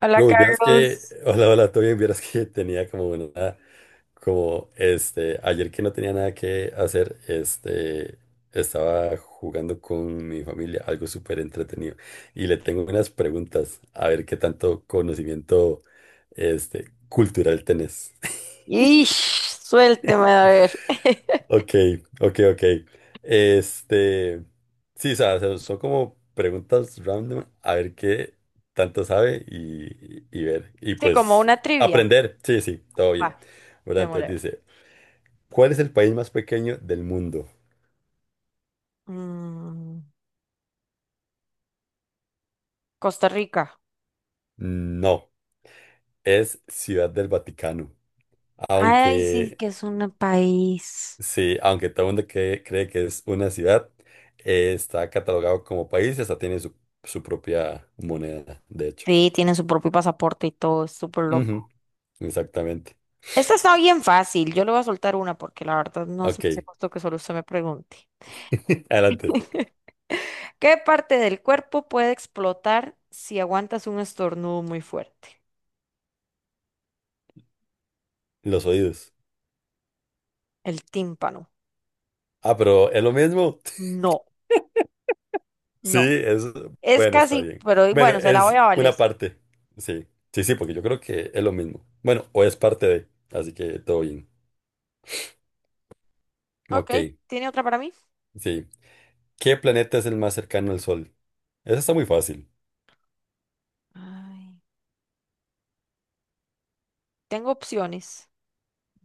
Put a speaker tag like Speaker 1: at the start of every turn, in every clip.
Speaker 1: Hola,
Speaker 2: Bro, pues vieras que,
Speaker 1: Carlos.
Speaker 2: hola, hola, todo bien, vieras que tenía como una, como ayer que no tenía nada que hacer, estaba jugando con mi familia, algo súper entretenido, y le tengo unas preguntas, a ver qué tanto conocimiento, cultural tenés.
Speaker 1: Y suélteme a ver.
Speaker 2: Ok, ok, ok. Este, sí, o sea, son como preguntas random, a ver qué tanto sabe y ver. Y
Speaker 1: Sí, como
Speaker 2: pues
Speaker 1: una trivia.
Speaker 2: aprender, sí, sí, todo
Speaker 1: Va,
Speaker 2: bien. Bueno, entonces
Speaker 1: demoler.
Speaker 2: dice, ¿cuál es el país más pequeño del mundo?
Speaker 1: Mm, Costa Rica.
Speaker 2: No, es Ciudad del Vaticano.
Speaker 1: Ay, sí,
Speaker 2: Aunque,
Speaker 1: que es un país.
Speaker 2: sí, aunque todo el mundo cree que es una ciudad, está catalogado como país y hasta tiene su, su propia moneda, de hecho.
Speaker 1: Sí, tiene su propio pasaporte y todo, es súper
Speaker 2: Ujú,
Speaker 1: loco.
Speaker 2: exactamente.
Speaker 1: Esta está bien fácil, yo le voy a soltar una porque la verdad no se
Speaker 2: Ok,
Speaker 1: me hace justo que solo usted me pregunte.
Speaker 2: adelante.
Speaker 1: ¿Qué parte del cuerpo puede explotar si aguantas un estornudo muy fuerte?
Speaker 2: Los oídos.
Speaker 1: El tímpano.
Speaker 2: Ah, pero es lo mismo.
Speaker 1: No,
Speaker 2: Sí,
Speaker 1: no.
Speaker 2: es...
Speaker 1: Es
Speaker 2: Bueno, está
Speaker 1: casi,
Speaker 2: bien.
Speaker 1: pero
Speaker 2: Bueno,
Speaker 1: bueno, se la voy
Speaker 2: es
Speaker 1: a valer.
Speaker 2: una parte. Sí, sí, sí, porque yo creo que es lo mismo. Bueno, o es parte de, así que todo bien.
Speaker 1: Ok,
Speaker 2: Ok,
Speaker 1: ¿tiene otra para mí?
Speaker 2: sí. ¿Qué planeta es el más cercano al Sol? Eso está muy fácil.
Speaker 1: Ay. Tengo opciones.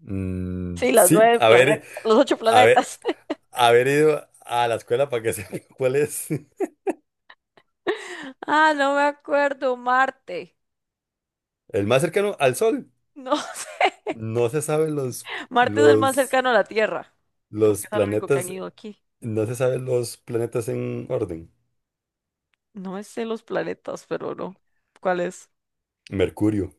Speaker 1: Sí, las
Speaker 2: Sí,
Speaker 1: nueve planetas, los ocho
Speaker 2: a ver,
Speaker 1: planetas.
Speaker 2: haber ido a la escuela para que sepa cuál es.
Speaker 1: Ah, no me acuerdo, Marte.
Speaker 2: El más cercano al Sol.
Speaker 1: No sé.
Speaker 2: No se saben
Speaker 1: Marte es el más
Speaker 2: los,
Speaker 1: cercano a la Tierra,
Speaker 2: los
Speaker 1: porque es el único que han
Speaker 2: planetas.
Speaker 1: ido aquí.
Speaker 2: No se saben los planetas en orden.
Speaker 1: No me sé los planetas, pero no. ¿Cuál es?
Speaker 2: Mercurio,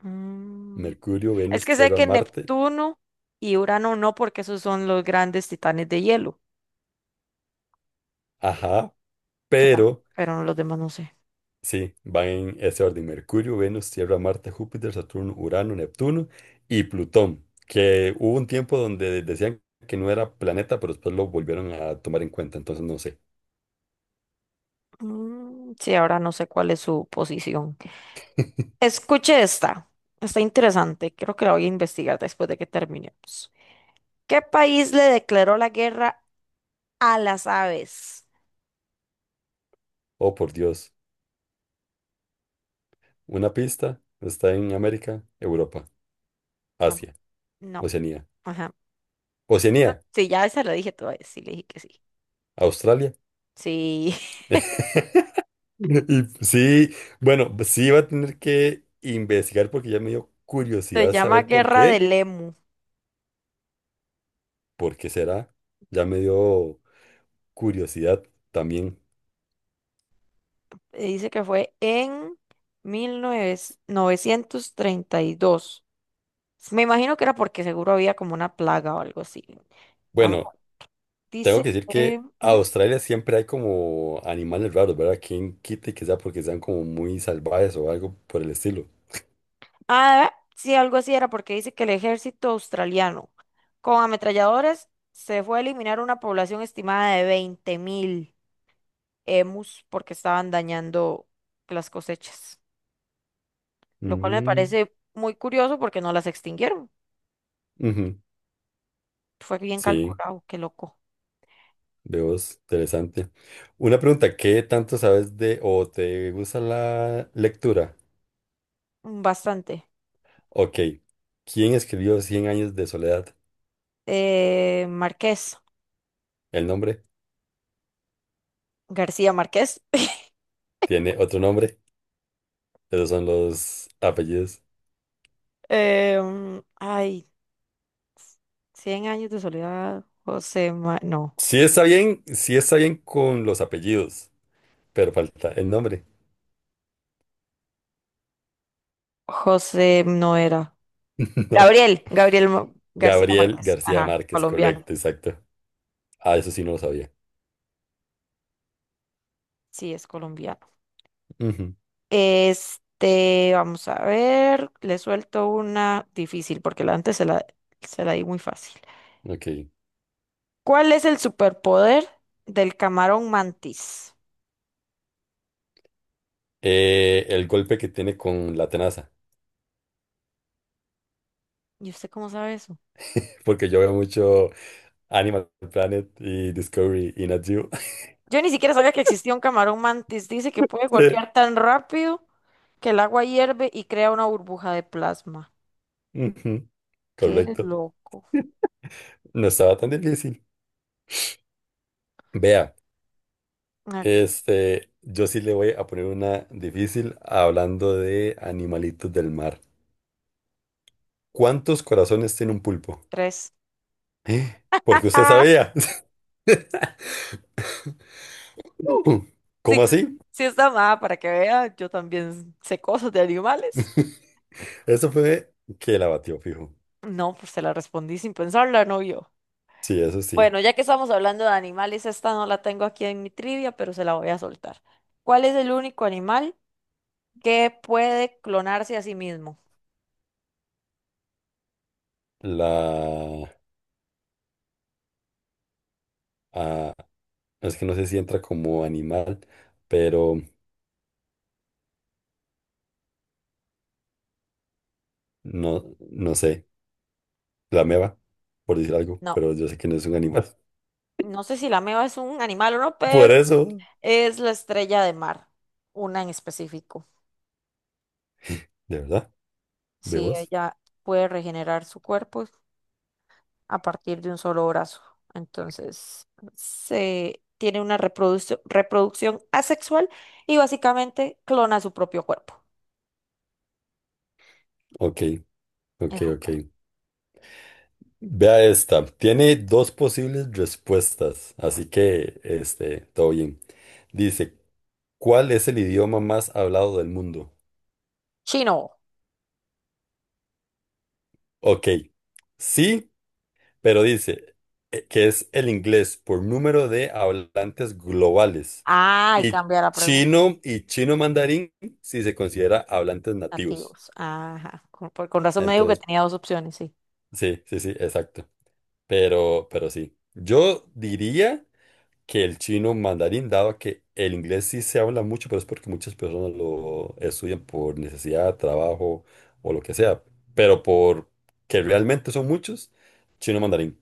Speaker 1: Mm,
Speaker 2: Mercurio,
Speaker 1: Es
Speaker 2: Venus,
Speaker 1: que sé
Speaker 2: Tierra,
Speaker 1: que
Speaker 2: Marte.
Speaker 1: Neptuno y Urano no, porque esos son los grandes titanes de hielo,
Speaker 2: Ajá,
Speaker 1: que tam-
Speaker 2: pero
Speaker 1: pero los demás no sé.
Speaker 2: sí, van en ese orden. Mercurio, Venus, Tierra, Marte, Júpiter, Saturno, Urano, Neptuno y Plutón. Que hubo un tiempo donde decían que no era planeta, pero después lo volvieron a tomar en cuenta. Entonces no sé.
Speaker 1: Mm, sí, ahora no sé cuál es su posición. Escuche esta. Está interesante. Creo que la voy a investigar después de que terminemos. ¿Qué país le declaró la guerra a las aves?
Speaker 2: Oh, por Dios. Una pista: está en América, Europa,
Speaker 1: Tam-
Speaker 2: Asia,
Speaker 1: no.
Speaker 2: Oceanía.
Speaker 1: Ajá.
Speaker 2: Oceanía,
Speaker 1: Sí, ya esa la dije todavía. Sí, le dije que sí.
Speaker 2: Australia.
Speaker 1: Sí.
Speaker 2: Y sí, bueno, pues sí va a tener que investigar porque ya me dio
Speaker 1: Se
Speaker 2: curiosidad
Speaker 1: llama
Speaker 2: saber por
Speaker 1: Guerra
Speaker 2: qué.
Speaker 1: del Emu.
Speaker 2: ¿Por qué será? Ya me dio curiosidad también.
Speaker 1: Dice que fue en 1932. Me imagino que era porque seguro había como una plaga o algo así. Vamos.
Speaker 2: Bueno,
Speaker 1: a-
Speaker 2: tengo que
Speaker 1: Dice
Speaker 2: decir
Speaker 1: que...
Speaker 2: que a
Speaker 1: ujú.
Speaker 2: Australia siempre hay como animales raros, ¿verdad? ¿Quién quite que sea porque sean como muy salvajes o algo por el estilo?
Speaker 1: Ah, sí, algo así era porque dice que el ejército australiano con ametralladores se fue a eliminar una población estimada de 20.000 emus porque estaban dañando las cosechas, lo cual me
Speaker 2: Mm,
Speaker 1: parece muy curioso porque no las extinguieron.
Speaker 2: ujú.
Speaker 1: Fue bien
Speaker 2: Sí,
Speaker 1: calculado, qué loco.
Speaker 2: veo es interesante. Una pregunta, ¿qué tanto sabes de o te gusta la lectura?
Speaker 1: Bastante.
Speaker 2: Ok. ¿Quién escribió Cien años de soledad?
Speaker 1: Marqués,
Speaker 2: ¿El nombre?
Speaker 1: García Márquez.
Speaker 2: ¿Tiene otro nombre? Esos son los apellidos.
Speaker 1: Ay, 100 años de soledad, José, no,
Speaker 2: Sí está bien con los apellidos, pero falta el nombre.
Speaker 1: José no era.
Speaker 2: No.
Speaker 1: Gabriel, García
Speaker 2: Gabriel
Speaker 1: Márquez,
Speaker 2: García
Speaker 1: ajá,
Speaker 2: Márquez,
Speaker 1: colombiano.
Speaker 2: correcto, exacto. Ah, eso sí no lo sabía.
Speaker 1: Sí, es colombiano.
Speaker 2: Ujú,
Speaker 1: Este, vamos a ver, le suelto una difícil porque la antes se la di muy fácil.
Speaker 2: ok.
Speaker 1: ¿Cuál es el superpoder del camarón mantis?
Speaker 2: El golpe que tiene con la tenaza.
Speaker 1: ¿Y usted cómo sabe eso?
Speaker 2: Porque yo veo mucho Animal Planet y Discovery y Nat Geo.
Speaker 1: Yo ni siquiera sabía que existía un camarón mantis. Dice que puede
Speaker 2: Sí,
Speaker 1: golpear tan rápido que el agua hierve y crea una burbuja de plasma.
Speaker 2: ujú,
Speaker 1: Qué
Speaker 2: correcto.
Speaker 1: loco.
Speaker 2: No estaba tan difícil. Vea.
Speaker 1: Ah,
Speaker 2: Yo sí le voy a poner una difícil hablando de animalitos del mar. ¿Cuántos corazones tiene un pulpo?
Speaker 1: tres.
Speaker 2: ¿Eh? Porque usted sabía. ¿Cómo
Speaker 1: Sí,
Speaker 2: así?
Speaker 1: sí está mal, para que vea, yo también sé cosas de animales.
Speaker 2: Eso fue que la batió, fijo.
Speaker 1: No, pues se la respondí sin pensarla, no yo.
Speaker 2: Sí, eso sí.
Speaker 1: Bueno, ya que estamos hablando de animales, esta no la tengo aquí en mi trivia, pero se la voy a soltar. ¿Cuál es el único animal que puede clonarse a sí mismo?
Speaker 2: La... ah, es que no sé si entra como animal, pero no, no sé. La meba, por decir algo,
Speaker 1: No,
Speaker 2: pero yo sé que no es un animal.
Speaker 1: no sé si la meba es un animal o no,
Speaker 2: Por
Speaker 1: pero
Speaker 2: eso,
Speaker 1: es la estrella de mar, una en específico.
Speaker 2: de verdad,
Speaker 1: Sí,
Speaker 2: ¿vemos?
Speaker 1: ella puede regenerar su cuerpo a partir de un solo brazo. Entonces, se tiene una reproducción asexual y básicamente clona su propio cuerpo.
Speaker 2: Ok, ok,
Speaker 1: Es un
Speaker 2: ok. Vea esta. Tiene dos posibles respuestas, así que todo bien. Dice, ¿cuál es el idioma más hablado del mundo?
Speaker 1: Chino.
Speaker 2: Ok, sí, pero dice que es el inglés por número de hablantes globales
Speaker 1: Ah, y
Speaker 2: y
Speaker 1: cambia la pregunta.
Speaker 2: chino, y chino mandarín si se considera hablantes nativos.
Speaker 1: Nativos. Ajá. Con razón me dijo que
Speaker 2: Entonces,
Speaker 1: tenía dos opciones, sí.
Speaker 2: sí, sí, sí, exacto. Pero sí. Yo diría que el chino mandarín, dado que el inglés sí se habla mucho, pero es porque muchas personas lo estudian por necesidad, trabajo o lo que sea, pero por que realmente son muchos, chino mandarín,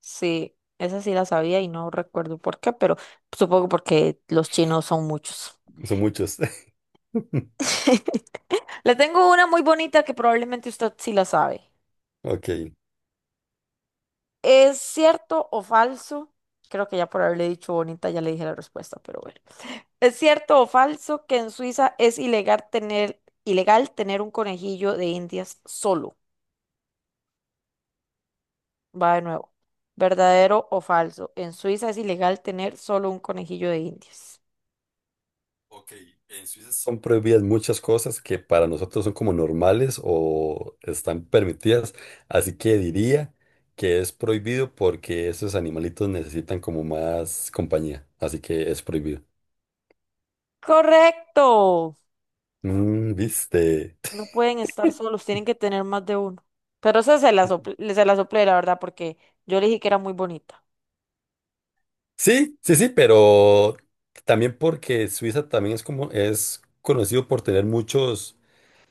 Speaker 1: Sí, esa sí la sabía y no recuerdo por qué, pero supongo porque los chinos son muchos.
Speaker 2: son muchos.
Speaker 1: Le tengo una muy bonita que probablemente usted sí la sabe.
Speaker 2: Ok.
Speaker 1: ¿Es cierto o falso? Creo que ya por haberle dicho bonita ya le dije la respuesta, pero bueno. ¿Es cierto o falso que en Suiza es ilegal tener un conejillo de Indias solo? Va de nuevo. ¿Verdadero o falso? En Suiza es ilegal tener solo un conejillo de Indias.
Speaker 2: Ok, en Suiza son prohibidas muchas cosas que para nosotros son como normales o están permitidas, así que diría que es prohibido porque esos animalitos necesitan como más compañía, así que es prohibido.
Speaker 1: Correcto.
Speaker 2: Mm, ¿viste?
Speaker 1: No pueden estar solos, tienen que tener más de uno. Pero esa se la soplé, la verdad, porque yo le dije que era muy bonita.
Speaker 2: Sí, sí, sí, pero también porque Suiza también es como es conocido por tener muchos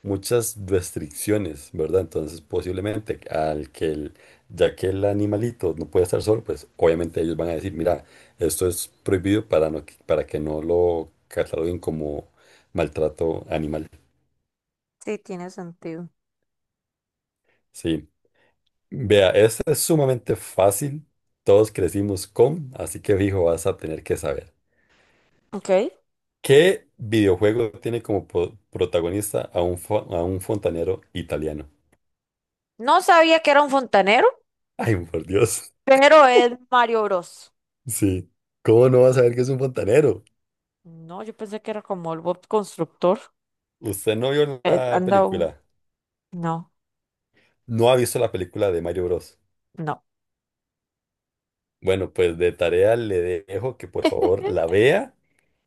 Speaker 2: muchas restricciones, ¿verdad? Entonces, posiblemente al que el, ya que el animalito no puede estar solo, pues obviamente ellos van a decir, mira, esto es prohibido para para que no lo cataloguen como maltrato animal.
Speaker 1: Sí, tiene sentido.
Speaker 2: Sí. Vea, esta es sumamente fácil. Todos crecimos con, así que fijo, vas a tener que saber.
Speaker 1: Ok.
Speaker 2: ¿Qué videojuego tiene como protagonista a a un fontanero italiano?
Speaker 1: No sabía que era un fontanero.
Speaker 2: Ay, por Dios.
Speaker 1: Pero es Mario Bros.
Speaker 2: Sí. ¿Cómo no va a saber que es un fontanero?
Speaker 1: No, yo pensé que era como el Bob Constructor.
Speaker 2: Usted no vio la
Speaker 1: Anda un...
Speaker 2: película.
Speaker 1: No,
Speaker 2: No ha visto la película de Mario Bros.
Speaker 1: no.
Speaker 2: Bueno, pues de tarea le dejo que por favor la vea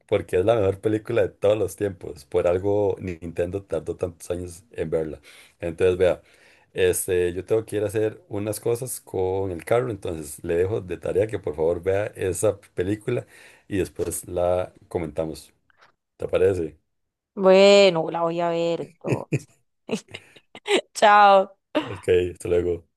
Speaker 2: porque es la mejor película de todos los tiempos. Por algo Nintendo tardó tantos años en verla. Entonces, vea, yo tengo que ir a hacer unas cosas con el carro, entonces le dejo de tarea que por favor vea esa película y después la comentamos. ¿Te parece?
Speaker 1: Bueno, la voy a ver entonces. Chao.
Speaker 2: Ok, hasta luego.